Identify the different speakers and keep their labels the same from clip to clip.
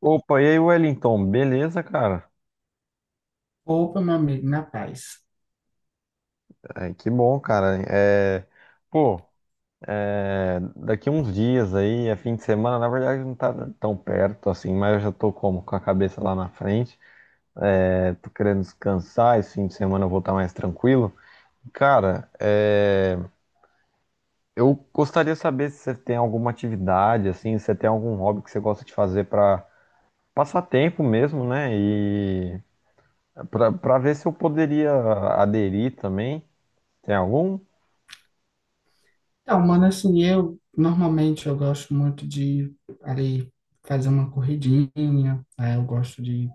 Speaker 1: Opa, e aí, Wellington? Beleza, cara?
Speaker 2: Opa, meu amigo, na paz.
Speaker 1: Ai, que bom, cara. É, pô, é, daqui uns dias aí, é fim de semana, na verdade não tá tão perto assim, mas eu já tô com a cabeça lá na frente. É, tô querendo descansar, esse fim de semana eu vou estar mais tranquilo. Cara, é, eu gostaria de saber se você tem alguma atividade, assim, se você tem algum hobby que você gosta de fazer para passar tempo mesmo, né? E para ver se eu poderia aderir também. Tem algum?
Speaker 2: Então, mano, assim, eu normalmente eu gosto muito de ali fazer uma corridinha, aí eu gosto de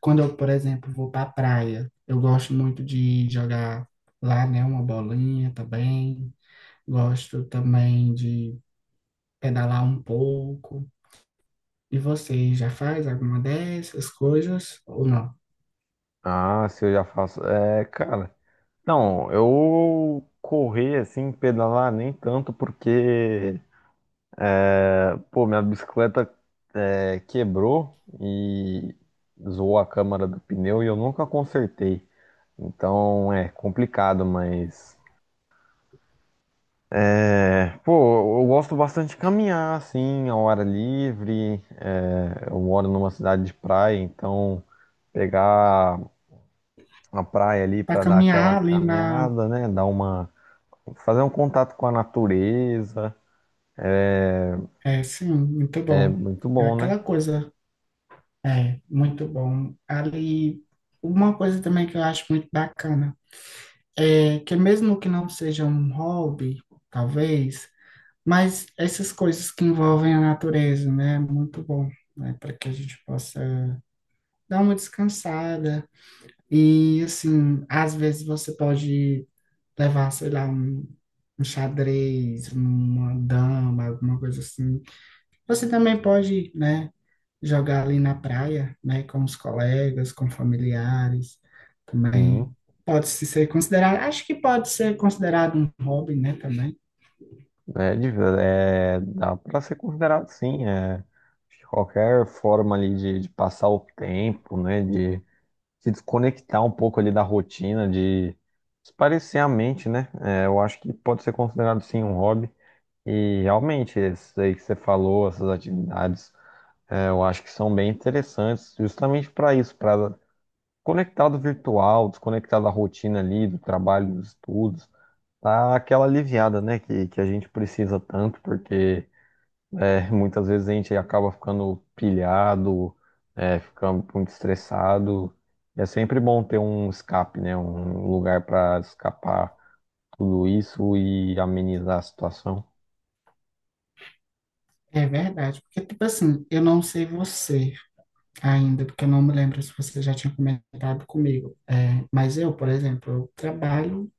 Speaker 2: quando eu, por exemplo, vou para a praia, eu gosto muito de jogar lá, né, uma bolinha também. Gosto também de pedalar um pouco. E você já faz alguma dessas coisas ou não?
Speaker 1: Ah, se eu já faço. É, cara. Não, eu correr assim, pedalar nem tanto, porque, é, pô, minha bicicleta é, quebrou e zoou a câmara do pneu e eu nunca consertei. Então é complicado, mas. É, pô, eu gosto bastante de caminhar, assim, ao ar livre. É, eu moro numa cidade de praia, então pegar a praia ali
Speaker 2: Para
Speaker 1: para dar aquela
Speaker 2: caminhar ali na,
Speaker 1: caminhada, né? Dar uma Fazer um contato com a natureza
Speaker 2: é, sim, muito
Speaker 1: é
Speaker 2: bom.
Speaker 1: muito
Speaker 2: É
Speaker 1: bom, né?
Speaker 2: aquela coisa. É, muito bom. Ali, uma coisa também que eu acho muito bacana é que mesmo que não seja um hobby, talvez, mas essas coisas que envolvem a natureza, né, é muito bom, né, para que a gente possa dar uma descansada e assim, às vezes você pode levar, sei lá, um xadrez, uma dama, alguma coisa assim. Você também pode, né, jogar ali na praia, né, com os colegas, com familiares, também
Speaker 1: Sim,
Speaker 2: pode se ser considerado, acho que pode ser considerado um hobby, né, também.
Speaker 1: é, é, dá para ser considerado sim. É, acho que qualquer forma ali de passar o tempo, né? De se desconectar um pouco ali da rotina, de espairecer a mente, né? É, eu acho que pode ser considerado sim um hobby. E realmente, isso aí que você falou, essas atividades, é, eu acho que são bem interessantes, justamente para isso, para conectado virtual, desconectado da rotina ali, do trabalho, dos estudos. Tá aquela aliviada, né, que a gente precisa tanto, porque é, muitas vezes a gente acaba ficando pilhado, é, ficando muito estressado. É sempre bom ter um escape, né, um lugar para escapar tudo isso e amenizar a situação.
Speaker 2: É verdade, porque tipo assim, eu não sei você ainda, porque eu não me lembro se você já tinha comentado comigo. É, mas eu, por exemplo, eu trabalho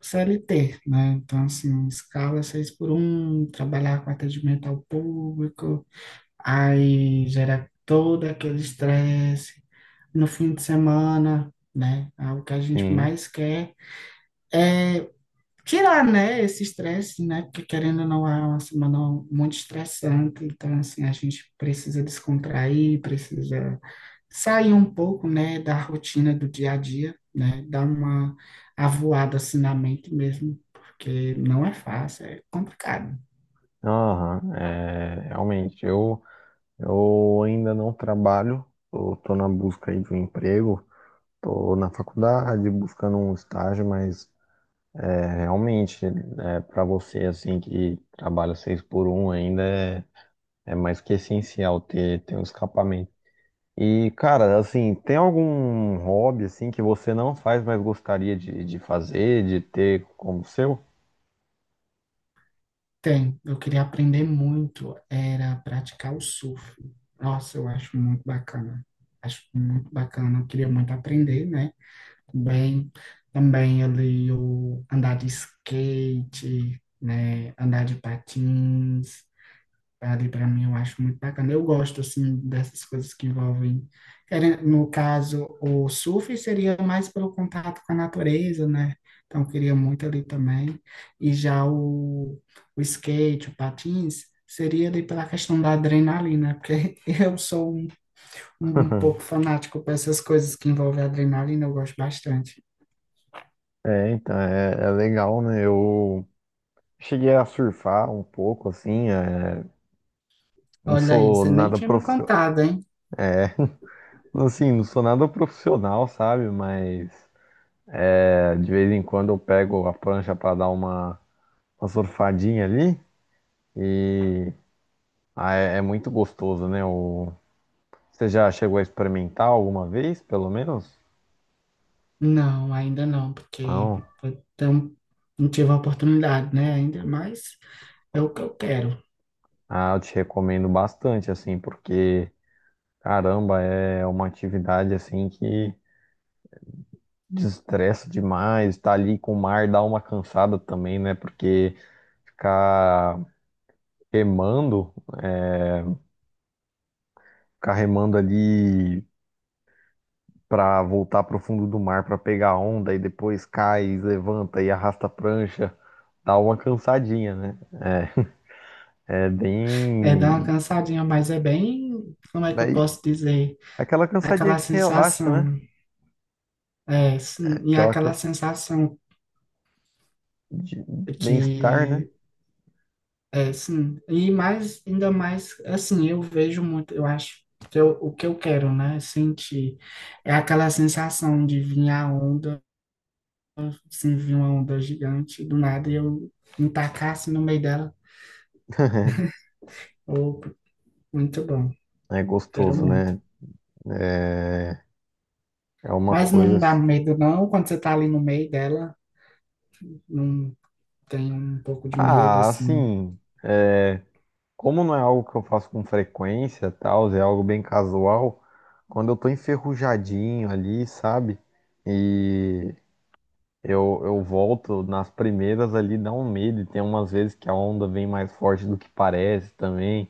Speaker 2: CLT, né? Então assim, escala seis por um, trabalhar com atendimento ao público, aí gera todo aquele estresse no fim de semana, né? Ah, o que a gente
Speaker 1: Sim,
Speaker 2: mais quer é tirar, né, esse estresse, né? Porque querendo ou não, é uma semana muito estressante, então assim, a gente precisa descontrair, precisa sair um pouco, né, da rotina do dia a dia, né? Dar uma avoada assim na mente mesmo, porque não é fácil, é complicado.
Speaker 1: aham, é, realmente, eu ainda não trabalho, eu tô na busca aí de um emprego, tô na faculdade buscando um estágio, mas é, realmente é, para você assim que trabalha seis por um ainda é, é mais que essencial ter um escapamento. E cara, assim, tem algum hobby assim que você não faz, mas gostaria de fazer, de ter como seu?
Speaker 2: Tem, eu queria aprender muito, era praticar o surf. Nossa, eu acho muito bacana. Acho muito bacana, eu queria muito aprender, né? Bem, também ali o andar de skate, né? Andar de patins, Padre, para mim, eu acho muito bacana. Eu gosto, assim, dessas coisas que envolvem. No caso, o surf seria mais pelo contato com a natureza, né? Então, eu queria muito ali também. E já o, skate, o patins, seria ali pela questão da adrenalina, porque eu sou um pouco fanático para essas coisas que envolvem adrenalina, eu gosto bastante.
Speaker 1: É, então, é legal, né? Eu cheguei a surfar um pouco, assim, é, não
Speaker 2: Olha aí,
Speaker 1: sou
Speaker 2: você nem
Speaker 1: nada
Speaker 2: tinha me
Speaker 1: profissional,
Speaker 2: contado, hein?
Speaker 1: é, assim, não sou nada profissional, sabe? Mas é, de vez em quando eu pego a prancha para dar uma surfadinha ali e ah, é muito gostoso, né? Você já chegou a experimentar alguma vez, pelo menos?
Speaker 2: Não, ainda não, porque
Speaker 1: Não.
Speaker 2: então, não tive a oportunidade, né? Ainda mas é o que eu quero.
Speaker 1: Ah, eu te recomendo bastante, assim, porque, caramba, é uma atividade, assim, que desestressa demais. Tá ali com o mar, dá uma cansada também, né? Porque ficar remando, é, ficar remando ali para voltar para o fundo do mar para pegar onda e depois cai, levanta e arrasta a prancha, dá uma cansadinha, né? É
Speaker 2: É dar uma
Speaker 1: bem.
Speaker 2: cansadinha, mas é bem, como é que eu
Speaker 1: Daí,
Speaker 2: posso dizer?
Speaker 1: aquela cansadinha
Speaker 2: Aquela
Speaker 1: que relaxa, né?
Speaker 2: sensação, é, sim, e
Speaker 1: Aquela
Speaker 2: aquela
Speaker 1: cansa...
Speaker 2: sensação
Speaker 1: de bem-estar, né?
Speaker 2: que, é, sim, e mais, ainda mais, assim, eu vejo muito, eu acho que o que eu quero, né? Sentir é aquela sensação de vir a onda, assim, vir uma onda gigante do nada e eu me tacar assim, no meio dela. Ou Muito bom,
Speaker 1: É
Speaker 2: quero
Speaker 1: gostoso,
Speaker 2: muito.
Speaker 1: né? É, é uma
Speaker 2: Mas
Speaker 1: coisa.
Speaker 2: não dá medo, não, quando você tá ali no meio dela, não tem um pouco de medo,
Speaker 1: Ah,
Speaker 2: assim.
Speaker 1: assim. é, Como não é algo que eu faço com frequência, tal, é algo bem casual. Quando eu tô enferrujadinho ali, sabe? E eu volto nas primeiras ali, dá um medo. E tem umas vezes que a onda vem mais forte do que parece também.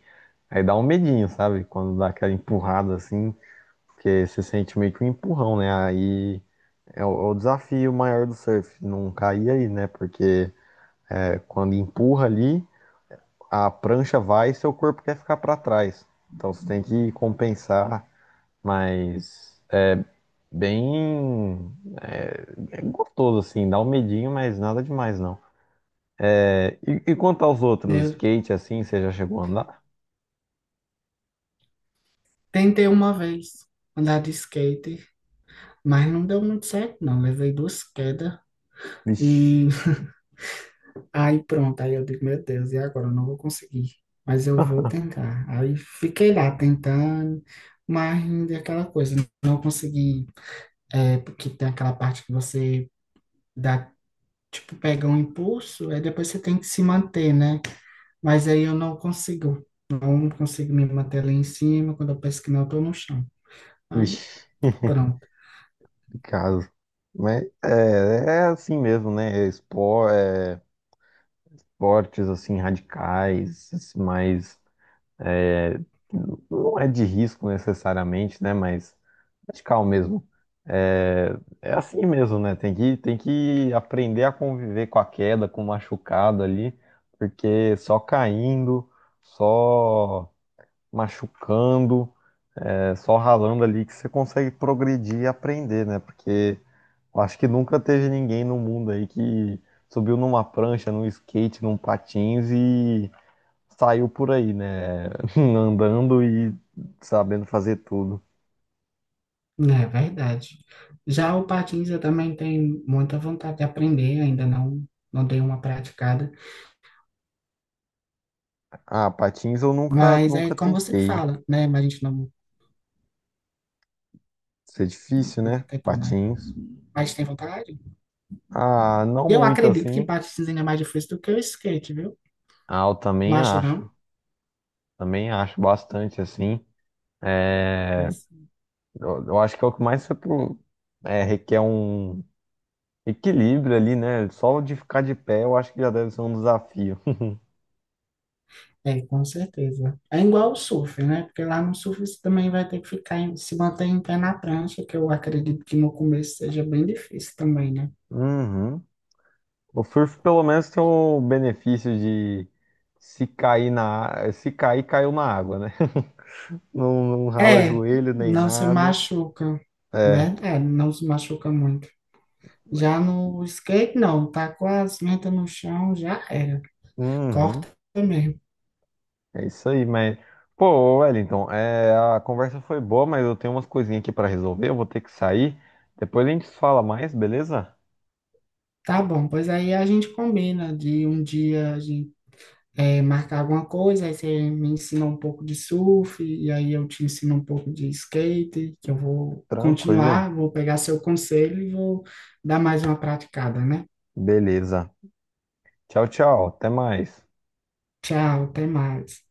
Speaker 1: Aí dá um medinho, sabe? Quando dá aquela empurrada assim, porque você sente meio que um empurrão, né? Aí é o desafio maior do surf, não cair aí, né? Porque é, quando empurra ali, a prancha vai e seu corpo quer ficar para trás. Então você tem que compensar, mas bem é gostoso assim, dá um medinho, mas nada demais não. E quanto aos outros,
Speaker 2: Eu
Speaker 1: skate assim, você já chegou a andar?
Speaker 2: tentei uma vez andar de skate, mas não deu muito certo, não. Levei duas quedas e
Speaker 1: Vixe,
Speaker 2: aí pronto, aí eu digo, meu Deus, e agora? Eu não vou conseguir, mas eu vou tentar. Aí fiquei lá tentando, mas ainda é aquela coisa, não consegui, é, porque tem aquela parte que você dá tipo, pega um impulso, aí depois você tem que se manter, né? Mas aí eu não consigo. Não consigo me manter lá em cima. Quando eu penso que não, eu tô no chão. Aí,
Speaker 1: vixe,
Speaker 2: pronto.
Speaker 1: que caso. Mas é assim mesmo, né? É esportes assim radicais, esse mais é, não é de risco necessariamente, né? Mas radical mesmo. É, é assim mesmo, né? Tem que aprender a conviver com a queda, com o machucado ali, porque só caindo, só machucando. É só ralando ali que você consegue progredir e aprender, né? Porque eu acho que nunca teve ninguém no mundo aí que subiu numa prancha, num skate, num patins e saiu por aí, né? Andando e sabendo fazer tudo.
Speaker 2: É verdade. Já o patins eu também tenho muita vontade de aprender, ainda não, não dei uma praticada.
Speaker 1: Ah, patins eu nunca,
Speaker 2: Mas é
Speaker 1: nunca
Speaker 2: como você
Speaker 1: tentei.
Speaker 2: fala, né? Mas a gente não,
Speaker 1: Isso é difícil,
Speaker 2: nunca
Speaker 1: né?
Speaker 2: tentou, né?
Speaker 1: Patins.
Speaker 2: Mas tem vontade?
Speaker 1: Ah, não
Speaker 2: E eu
Speaker 1: muito
Speaker 2: acredito que
Speaker 1: assim.
Speaker 2: patins ainda é mais difícil do que o skate, viu?
Speaker 1: Ah, eu
Speaker 2: Não
Speaker 1: também
Speaker 2: acha,
Speaker 1: acho.
Speaker 2: não?
Speaker 1: Também acho bastante assim. Eu acho que é o que mais você requer um equilíbrio ali, né? Só de ficar de pé eu acho que já deve ser um desafio.
Speaker 2: É, com certeza. É igual o surf, né? Porque lá no surf você também vai ter que ficar, se manter em pé na prancha, que eu acredito que no começo seja bem difícil também, né?
Speaker 1: Uhum. O surf pelo menos tem o benefício de se cair, caiu na água, né? Não, não rala
Speaker 2: É,
Speaker 1: joelho nem
Speaker 2: não se
Speaker 1: nada.
Speaker 2: machuca,
Speaker 1: É.
Speaker 2: né? É, não se machuca muito. Já no skate, não, tá com as mentas no chão, já era.
Speaker 1: Uhum.
Speaker 2: Corta mesmo.
Speaker 1: É isso aí, mas pô, Wellington, é, a conversa foi boa, mas eu tenho umas coisinhas aqui pra resolver, eu vou ter que sair. Depois a gente fala mais, beleza?
Speaker 2: Tá bom, pois aí a gente combina de um dia a gente marcar alguma coisa, aí você me ensina um pouco de surf, e aí eu te ensino um pouco de skate, que eu vou
Speaker 1: Tranquilo.
Speaker 2: continuar, vou pegar seu conselho e vou dar mais uma praticada, né?
Speaker 1: Beleza. Tchau, tchau. Até mais.
Speaker 2: Tchau, até mais.